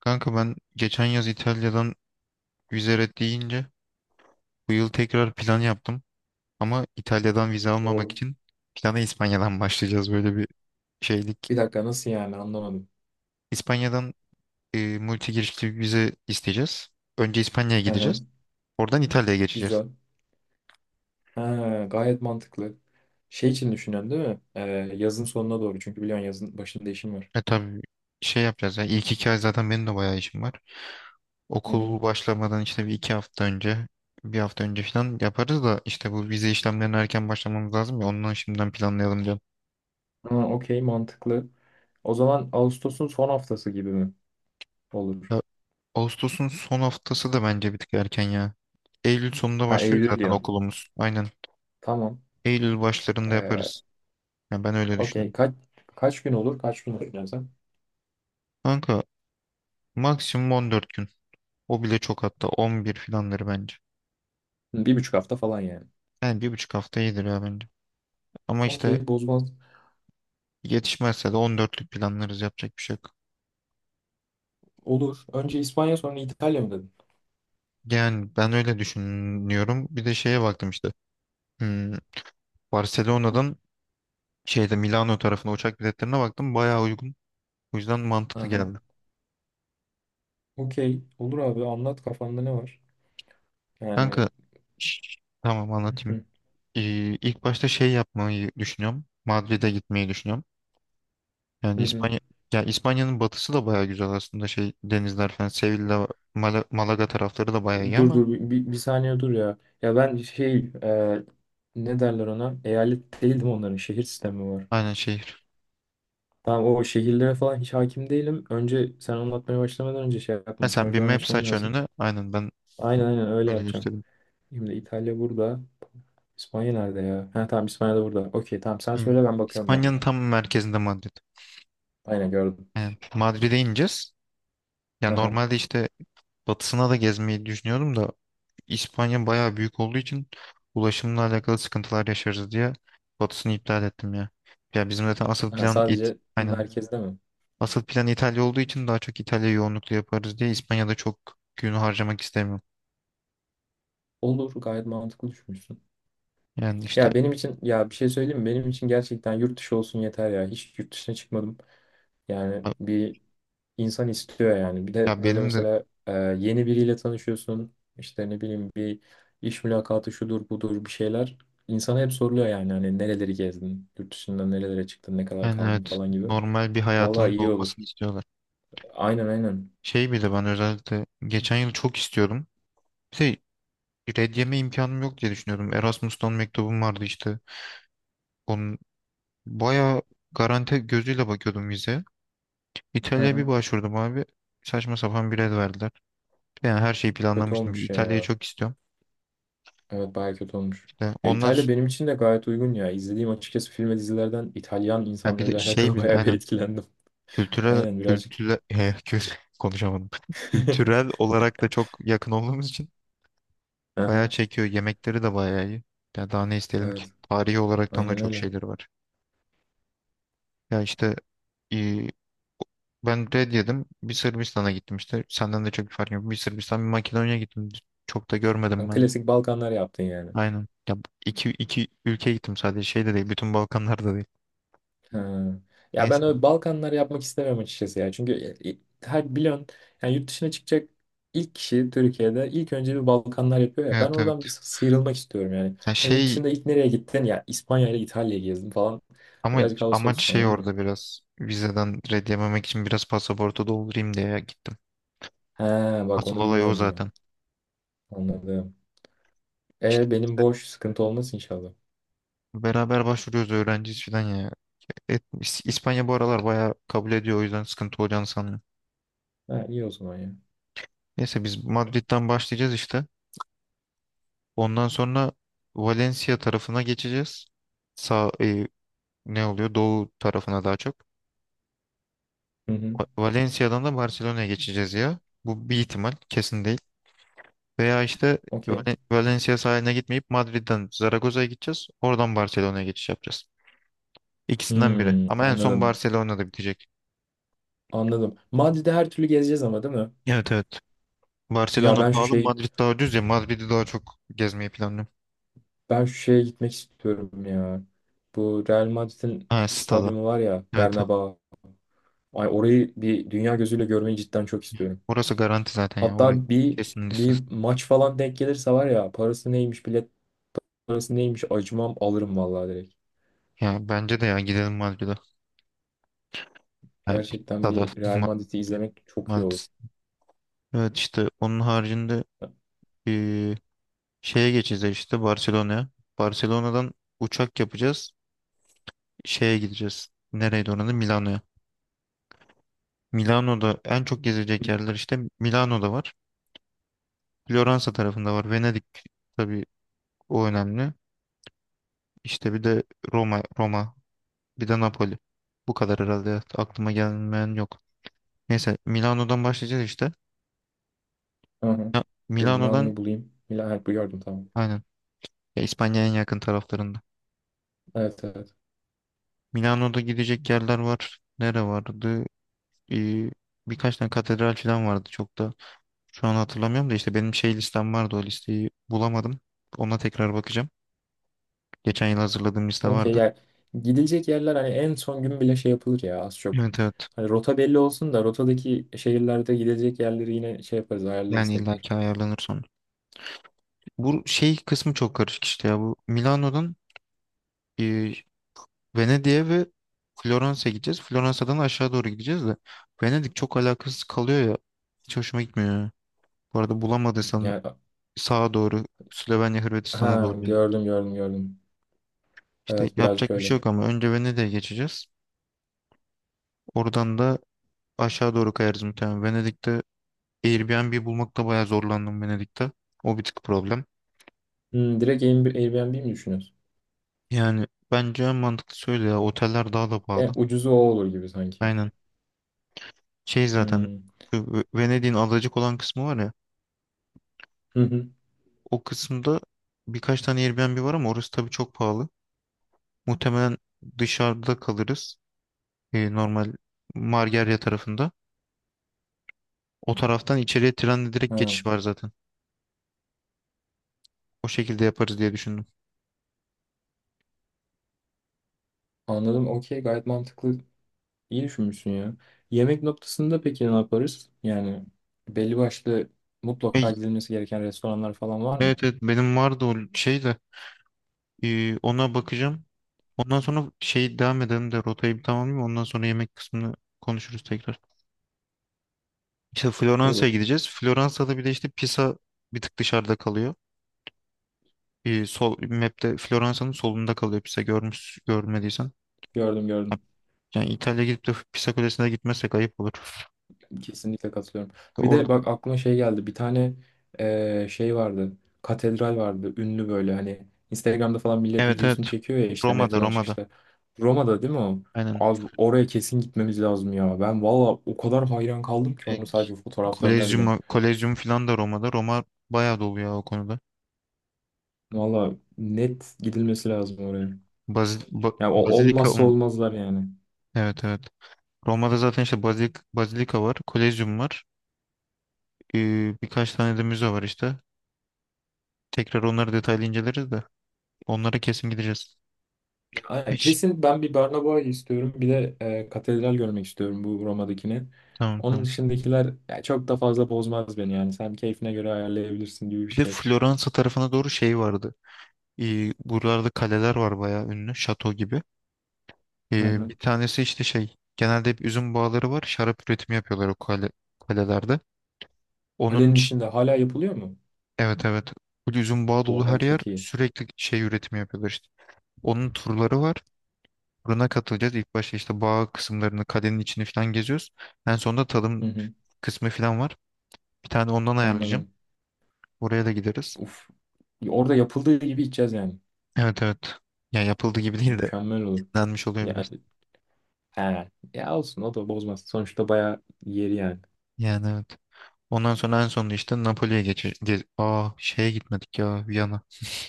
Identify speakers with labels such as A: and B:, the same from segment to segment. A: Kanka ben geçen yaz İtalya'dan vize red deyince bu yıl tekrar plan yaptım. Ama İtalya'dan vize almamak
B: O.
A: için plana İspanya'dan başlayacağız, böyle bir şeylik.
B: Bir dakika nasıl yani anlamadım.
A: İspanya'dan multi girişli bir vize isteyeceğiz. Önce İspanya'ya
B: Hı
A: gideceğiz.
B: hı.
A: Oradan İtalya'ya geçeceğiz.
B: Güzel. Ha, gayet mantıklı. Şey için düşünüyorsun değil mi? Yazın sonuna doğru. Çünkü biliyorsun yazın başında işim var.
A: E tabii şey yapacağız ya, ilk iki ay zaten benim de bayağı işim var.
B: Hı hı.
A: Okul başlamadan işte bir iki hafta önce bir hafta önce falan yaparız, da işte bu vize işlemlerine erken başlamamız lazım ya, ondan şimdiden planlayalım diyorum.
B: Ha, okey mantıklı. O zaman Ağustos'un son haftası gibi mi olur?
A: Ya Ağustos'un son haftası da bence bir tık erken ya. Eylül sonunda
B: Ha
A: başlıyor
B: Eylül
A: zaten
B: diyorsun.
A: okulumuz. Aynen.
B: Tamam.
A: Eylül başlarında
B: Ee,
A: yaparız. Yani ben öyle
B: Okey.
A: düşünüyorum.
B: Kaç gün olur? Kaç gün düşünüyorsun sen?
A: Kanka maksimum 14 gün. O bile çok, hatta 11 filanları bence.
B: Hı, bir buçuk hafta falan yani.
A: Yani bir buçuk hafta iyidir ya bence. Ama işte
B: Okey bozmaz.
A: yetişmezse de 14'lük planlarız, yapacak bir şey yok.
B: Olur. Önce İspanya sonra İtalya mı dedin?
A: Yani ben öyle düşünüyorum. Bir de şeye baktım işte. Hmm, Barcelona'dan şeyde Milano tarafına uçak biletlerine baktım. Bayağı uygun. O yüzden mantıklı
B: Aha.
A: geldi.
B: Okey. Olur abi anlat kafanda ne var? Yani.
A: Kanka tamam
B: Hı
A: anlatayım.
B: hı.
A: Ee, ilk başta şey yapmayı düşünüyorum. Madrid'e gitmeyi düşünüyorum.
B: Hı
A: Yani
B: hı.
A: İspanya ya İspanya'nın batısı da bayağı güzel aslında, şey denizler falan, Sevilla, Malaga tarafları da bayağı iyi
B: Dur
A: ama
B: dur bir, bir- bir saniye dur ya. Ya ben şey ne derler ona? Eyalet değildim onların şehir sistemi var.
A: aynen şehir.
B: Tamam o şehirlere falan hiç hakim değilim. Önce sen anlatmaya başlamadan önce şey
A: Ha,
B: yapmam.
A: sen bir
B: Haritadan
A: map
B: açmam
A: aç
B: lazım.
A: önüne, aynen ben
B: Aynen aynen öyle
A: öyle
B: yapacağım.
A: göstereyim.
B: Şimdi İtalya burada. İspanya nerede ya? Ha tamam İspanya da burada. Okey tamam sen
A: Hı.
B: söyle ben bakıyorum ben de.
A: İspanya'nın tam merkezinde Madrid.
B: Aynen gördüm.
A: Yani Madrid'e ineceğiz. Ya
B: Hı hı.
A: normalde işte batısına da gezmeyi düşünüyordum da İspanya bayağı büyük olduğu için ulaşımla alakalı sıkıntılar yaşarız diye batısını iptal ettim ya. Ya bizim zaten asıl
B: Ha,
A: plan it.
B: sadece
A: Aynen.
B: merkezde mi?
A: Asıl plan İtalya olduğu için daha çok İtalya yoğunluklu yaparız diye İspanya'da çok gün harcamak istemiyorum.
B: Olur gayet mantıklı düşünmüşsün.
A: Yani işte
B: Ya benim için ya bir şey söyleyeyim mi? Benim için gerçekten yurt dışı olsun yeter ya. Hiç yurt dışına çıkmadım. Yani bir insan istiyor yani. Bir
A: ya
B: de böyle
A: benim de
B: mesela yeni biriyle tanışıyorsun. İşte ne bileyim bir iş mülakatı şudur budur bir şeyler. İnsana hep soruluyor yani hani nereleri gezdin, yurt dışında nerelere çıktın, ne kadar
A: yani
B: kaldın
A: evet,
B: falan gibi.
A: normal bir hayatının
B: Vallahi
A: da
B: iyi olur.
A: olmasını istiyorlar.
B: Aynen aynen.
A: Şey bir de ben özellikle geçen yıl çok istiyordum. Bir de red yeme imkanım yok diye düşünüyordum. Erasmus'tan mektubum vardı işte. Onun bayağı garanti gözüyle bakıyordum vizeye.
B: Hı
A: İtalya'ya bir
B: hı.
A: başvurdum abi. Saçma sapan bir red verdiler. Yani her şeyi
B: Kötü
A: planlamıştım. Bir
B: olmuş
A: İtalya'yı
B: ya.
A: çok istiyorum.
B: Evet bayağı kötü olmuş.
A: İşte
B: Ya
A: ondan sonra
B: İtalya benim için de gayet uygun ya. İzlediğim açıkçası film ve dizilerden İtalyan
A: bir de
B: insanlarıyla
A: şey
B: alakalı
A: bir de
B: bayağı bir
A: aynen.
B: etkilendim.
A: Kültürel
B: Aynen birazcık.
A: kültüre he, konuşamadım. Kültürel olarak da çok yakın olduğumuz için bayağı
B: Aha,
A: çekiyor. Yemekleri de bayağı iyi. Ya daha ne isteyelim ki?
B: evet
A: Tarihi olaraktan da
B: aynen
A: çok
B: öyle.
A: şeyleri var. Ya işte e, ben red yedim. Bir Sırbistan'a gittim işte. Senden de çok bir fark yok. Bir Sırbistan, bir Makedonya gittim. Çok da görmedim
B: Yani
A: ben de.
B: klasik Balkanlar yaptın yani.
A: Aynen. Ya bu iki ülkeye gittim sadece. Şey de değil. Bütün Balkanlar da değil.
B: Ha. Ya
A: Neyse.
B: ben öyle Balkanlar yapmak istemem açıkçası ya. Çünkü her biliyorsun yani yurt dışına çıkacak ilk kişi Türkiye'de ilk önce bir Balkanlar yapıyor ya. Ben
A: Evet, evet.
B: oradan bir sıyrılmak istiyorum yani.
A: Ya
B: Hani yurt
A: şey,
B: dışında ilk nereye gittin? Ya İspanya ile İtalya'yı gezdim falan.
A: ama
B: Birazcık havası
A: amaç
B: olsun
A: şey,
B: anladın mı?
A: orada biraz vizeden red yememek için biraz pasaportu doldurayım diye gittim.
B: He, bak
A: Asıl
B: onu
A: olay o
B: bilmiyordum ben.
A: zaten.
B: Anladım.
A: İşte
B: E benim boş sıkıntı olmaz inşallah.
A: beraber başvuruyoruz, öğrenciyiz falan ya. İspanya bu aralar bayağı kabul ediyor, o yüzden sıkıntı olacağını sanmıyorum.
B: Ha, iyi o zaman ya.
A: Neyse biz Madrid'den başlayacağız işte. Ondan sonra Valencia tarafına geçeceğiz. Sağ ne oluyor? Doğu tarafına daha çok.
B: Hı hı.
A: Valencia'dan da Barcelona'ya geçeceğiz ya. Bu bir ihtimal, kesin değil. Veya işte
B: Okey.
A: Valencia sahiline gitmeyip Madrid'den Zaragoza'ya gideceğiz. Oradan Barcelona'ya geçiş yapacağız. İkisinden biri.
B: Hmm,
A: Ama en son
B: anladım.
A: Barcelona'da bitecek.
B: Anladım. Madrid'de her türlü gezeceğiz ama değil mi?
A: Evet, evet.
B: Ya
A: Barcelona
B: ben şu
A: pahalı,
B: şey
A: Madrid daha ucuz ya. Madrid'i daha çok gezmeyi planlıyorum.
B: ben şu şeye gitmek istiyorum ya. Bu Real Madrid'in
A: Ha, stada.
B: stadyumu var ya
A: Evet, evet.
B: Bernabéu. Ay orayı bir dünya gözüyle görmeyi cidden çok istiyorum.
A: Orası garanti zaten ya. Orası
B: Hatta bir
A: kesin
B: bir
A: listesi.
B: maç falan denk gelirse var ya parası neymiş bilet parası neymiş acımam alırım vallahi direkt.
A: Ya bence de ya gidelim Madrid'e. Ya,
B: Gerçekten
A: stada.
B: bir Real Madrid'i
A: Madrid.
B: izlemek çok iyi olur.
A: Madrid. Evet işte onun haricinde eee, şeye geçeceğiz işte Barcelona'ya. Barcelona'dan uçak yapacağız. Şeye gideceğiz. Nereydi oranın? Milano'ya. Milano'da en çok gezilecek yerler işte Milano'da var. Floransa tarafında var. Venedik tabii o önemli. İşte bir de Roma, Roma, bir de Napoli. Bu kadar herhalde, ya. Aklıma gelmeyen yok. Neyse Milano'dan başlayacağız işte.
B: Hı hı.
A: Ya,
B: Dur
A: Milano'dan
B: Milano'yu bulayım. Milano, evet, bu gördüm tamam.
A: aynen. Ya, İspanya'ya en yakın taraflarında.
B: Evet evet.
A: Milano'da gidecek yerler var. Nere vardı? Ee, Birkaç tane katedral falan vardı çok da. Şu an hatırlamıyorum da işte benim şey listem vardı, o listeyi bulamadım. Ona tekrar bakacağım. Geçen yıl hazırladığım liste
B: Okey
A: vardı.
B: yani gidilecek yerler hani en son gün bile şey yapılır ya az çok.
A: Evet, evet.
B: Hani rota belli olsun da rotadaki şehirlerde gidilecek yerleri yine şey yaparız ayarlarız
A: Yani
B: tekrar.
A: illaki ayarlanır sonra. Bu şey kısmı çok karışık işte ya. Bu Milano'dan e, Venedik'e ve Floransa'ya gideceğiz. Floransa'dan aşağı doğru gideceğiz de. Venedik çok alakasız kalıyor ya. Hiç hoşuma gitmiyor ya. Bu arada bulamadıysan
B: Yani
A: sağa doğru Slovenya Hırvatistan'a
B: ha
A: doğru Venedik.
B: gördüm.
A: İşte
B: Evet birazcık
A: yapacak bir
B: öyle.
A: şey yok ama önce Venedik'e geçeceğiz. Oradan da aşağı doğru kayarız muhtemelen. Venedik'te Airbnb bulmakta bayağı zorlandım Venedik'te. O bir tık problem.
B: Hmm, direkt Airbnb mi düşünüyorsun?
A: Yani bence en mantıklı söyle ya. Oteller daha da
B: En
A: pahalı.
B: ucuzu o olur gibi sanki.
A: Aynen. Şey zaten
B: Hmm.
A: şu Venedik'in adacık olan kısmı var ya.
B: Hı hı.
A: O kısımda birkaç tane Airbnb var ama orası tabii çok pahalı. Muhtemelen dışarıda kalırız. Normal Margarya tarafında. O taraftan içeriye trenle direkt
B: Ha,
A: geçiş var zaten. O şekilde yaparız diye düşündüm.
B: anladım. Okey gayet mantıklı. İyi düşünmüşsün ya. Yemek noktasında peki ne yaparız? Yani belli başlı
A: E,
B: mutlaka gidilmesi gereken restoranlar falan var mı?
A: evet, evet, benim vardı o şey de. Ona bakacağım. Ondan sonra şey devam edelim de rotayı bir tamamlayayım. Ondan sonra yemek kısmını konuşuruz tekrar. İşte Floransa'ya
B: Olur.
A: gideceğiz. Floransa'da bir de işte Pisa bir tık dışarıda kalıyor. Bir sol map'te Floransa'nın solunda kalıyor Pisa, görmüş görmediysen.
B: Gördüm.
A: Yani İtalya gidip de Pisa Kulesi'ne gitmezsek ayıp olur.
B: Kesinlikle katılıyorum.
A: İşte
B: Bir
A: orada
B: de bak aklıma şey geldi. Bir tane şey vardı. Katedral vardı. Ünlü böyle hani Instagram'da falan millet
A: evet,
B: videosunu
A: evet.
B: çekiyor ya işte
A: Roma'da,
B: metrodan
A: Roma'da.
B: çıkışta. Roma'da değil mi o?
A: Aynen.
B: Abi oraya kesin gitmemiz lazım ya. Ben valla o kadar hayran kaldım ki
A: E,
B: onu sadece fotoğraflarına bile.
A: Kolezyum, Kolezyum falan da Roma'da. Roma bayağı dolu ya o konuda.
B: Valla net gidilmesi lazım oraya.
A: Bazil,
B: Ya
A: Bazilika
B: olmazsa olmazlar yani.
A: evet, evet. Roma'da zaten işte bazilik, bazilika var, kolezyum var. Birkaç tane de müze var işte. Tekrar onları detaylı inceleriz de. Onlara kesin gideceğiz.
B: Ya, aynen,
A: Hiç.
B: kesin ben bir Barnaboy istiyorum. Bir de katedral görmek istiyorum bu Roma'dakini.
A: Tamam,
B: Onun
A: tamam.
B: dışındakiler ya, çok da fazla bozmaz beni yani. Sen keyfine göre ayarlayabilirsin gibi bir
A: Bir de
B: şey.
A: Floransa tarafına doğru şey vardı. Buralarda kaleler var, bayağı ünlü. Şato gibi.
B: Hı hı.
A: Bir tanesi işte şey. Genelde hep üzüm bağları var. Şarap üretimi yapıyorlar o kale, kalelerde. Onun
B: Kalenin
A: ş-
B: içinde hala yapılıyor mu?
A: evet, evet. Bu üzüm bağı dolu, her
B: Oha
A: yer
B: çok iyi.
A: sürekli şey üretimi yapıyorlar işte. Onun turları var. Turuna katılacağız. İlk başta işte bağ kısımlarını, kalenin içini falan geziyoruz. En sonunda
B: Hı
A: tadım
B: hı.
A: kısmı falan var. Bir tane ondan ayarlayacağım.
B: Anladım.
A: Oraya da gideriz.
B: Uf. Orada yapıldığı gibi içeceğiz yani.
A: Evet, evet. Ya yapıldı gibi
B: Oh,
A: değil de
B: mükemmel olur.
A: yenilenmiş oluyor
B: Ya,
A: biraz.
B: he. Ya olsun o da bozmaz. Sonuçta bayağı yeri yani.
A: Yani evet. Ondan sonra en sonunda işte Napoli'ye aa şeye gitmedik ya, Viyana.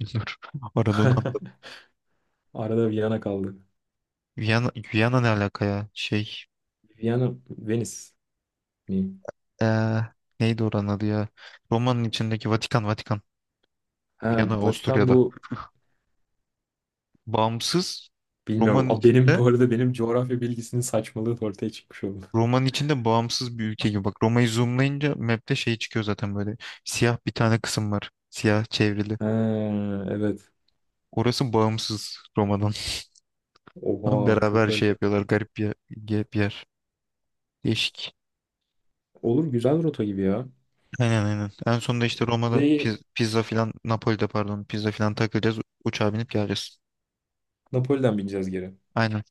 A: Dur. Arada onu atladım.
B: Arada Viyana kaldı.
A: Viyana, Viyana ne alaka ya? Şey
B: Viyana, Venice mi?
A: ee, neydi oranın adı ya? Roma'nın içindeki Vatikan.
B: Ha,
A: Viyana
B: Vatikan
A: Avusturya'da.
B: bu
A: Bağımsız
B: bilmiyorum.
A: Roma'nın
B: A, benim
A: içinde,
B: bu arada benim coğrafya bilgisinin saçmalığı da ortaya çıkmış oldu.
A: Roma'nın içinde bağımsız bir ülke gibi. Bak Roma'yı zoomlayınca map'te şey çıkıyor zaten böyle. Siyah bir tane kısım var. Siyah çevrili.
B: Ha, evet.
A: Orası bağımsız Roma'dan. Ama
B: Oha çok
A: beraber şey
B: garip.
A: yapıyorlar. Garip bir yer. Bir yer. Değişik.
B: Olur güzel rota gibi ya.
A: Aynen, aynen. En sonunda işte Roma'da
B: Bizeyi
A: pizza filan, Napoli'de pardon, pizza filan takılacağız. Uçağa binip geleceğiz.
B: Napoli'den bineceğiz geri.
A: Aynen.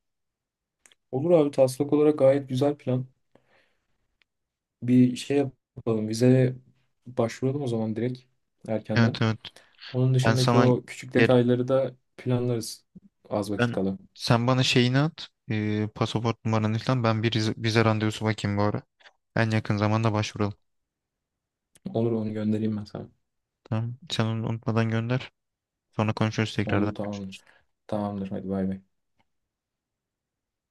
B: Olur abi taslak olarak gayet güzel plan. Bir şey yapalım. Vizeye başvuralım o zaman direkt erkenden.
A: Evet, evet.
B: Onun
A: Ben
B: dışındaki
A: sana
B: o küçük
A: gel
B: detayları da planlarız az vakit
A: ben
B: kala.
A: sen bana şeyini at. Pasaport numaranı falan. Ben bir vize randevusu bakayım bu ara. En yakın zamanda başvuralım.
B: Olur onu göndereyim ben sana.
A: Tamam. Sen onu unutmadan gönder. Sonra konuşuruz tekrardan.
B: Oldu tamamdır. Tamamdır hadi bay bay.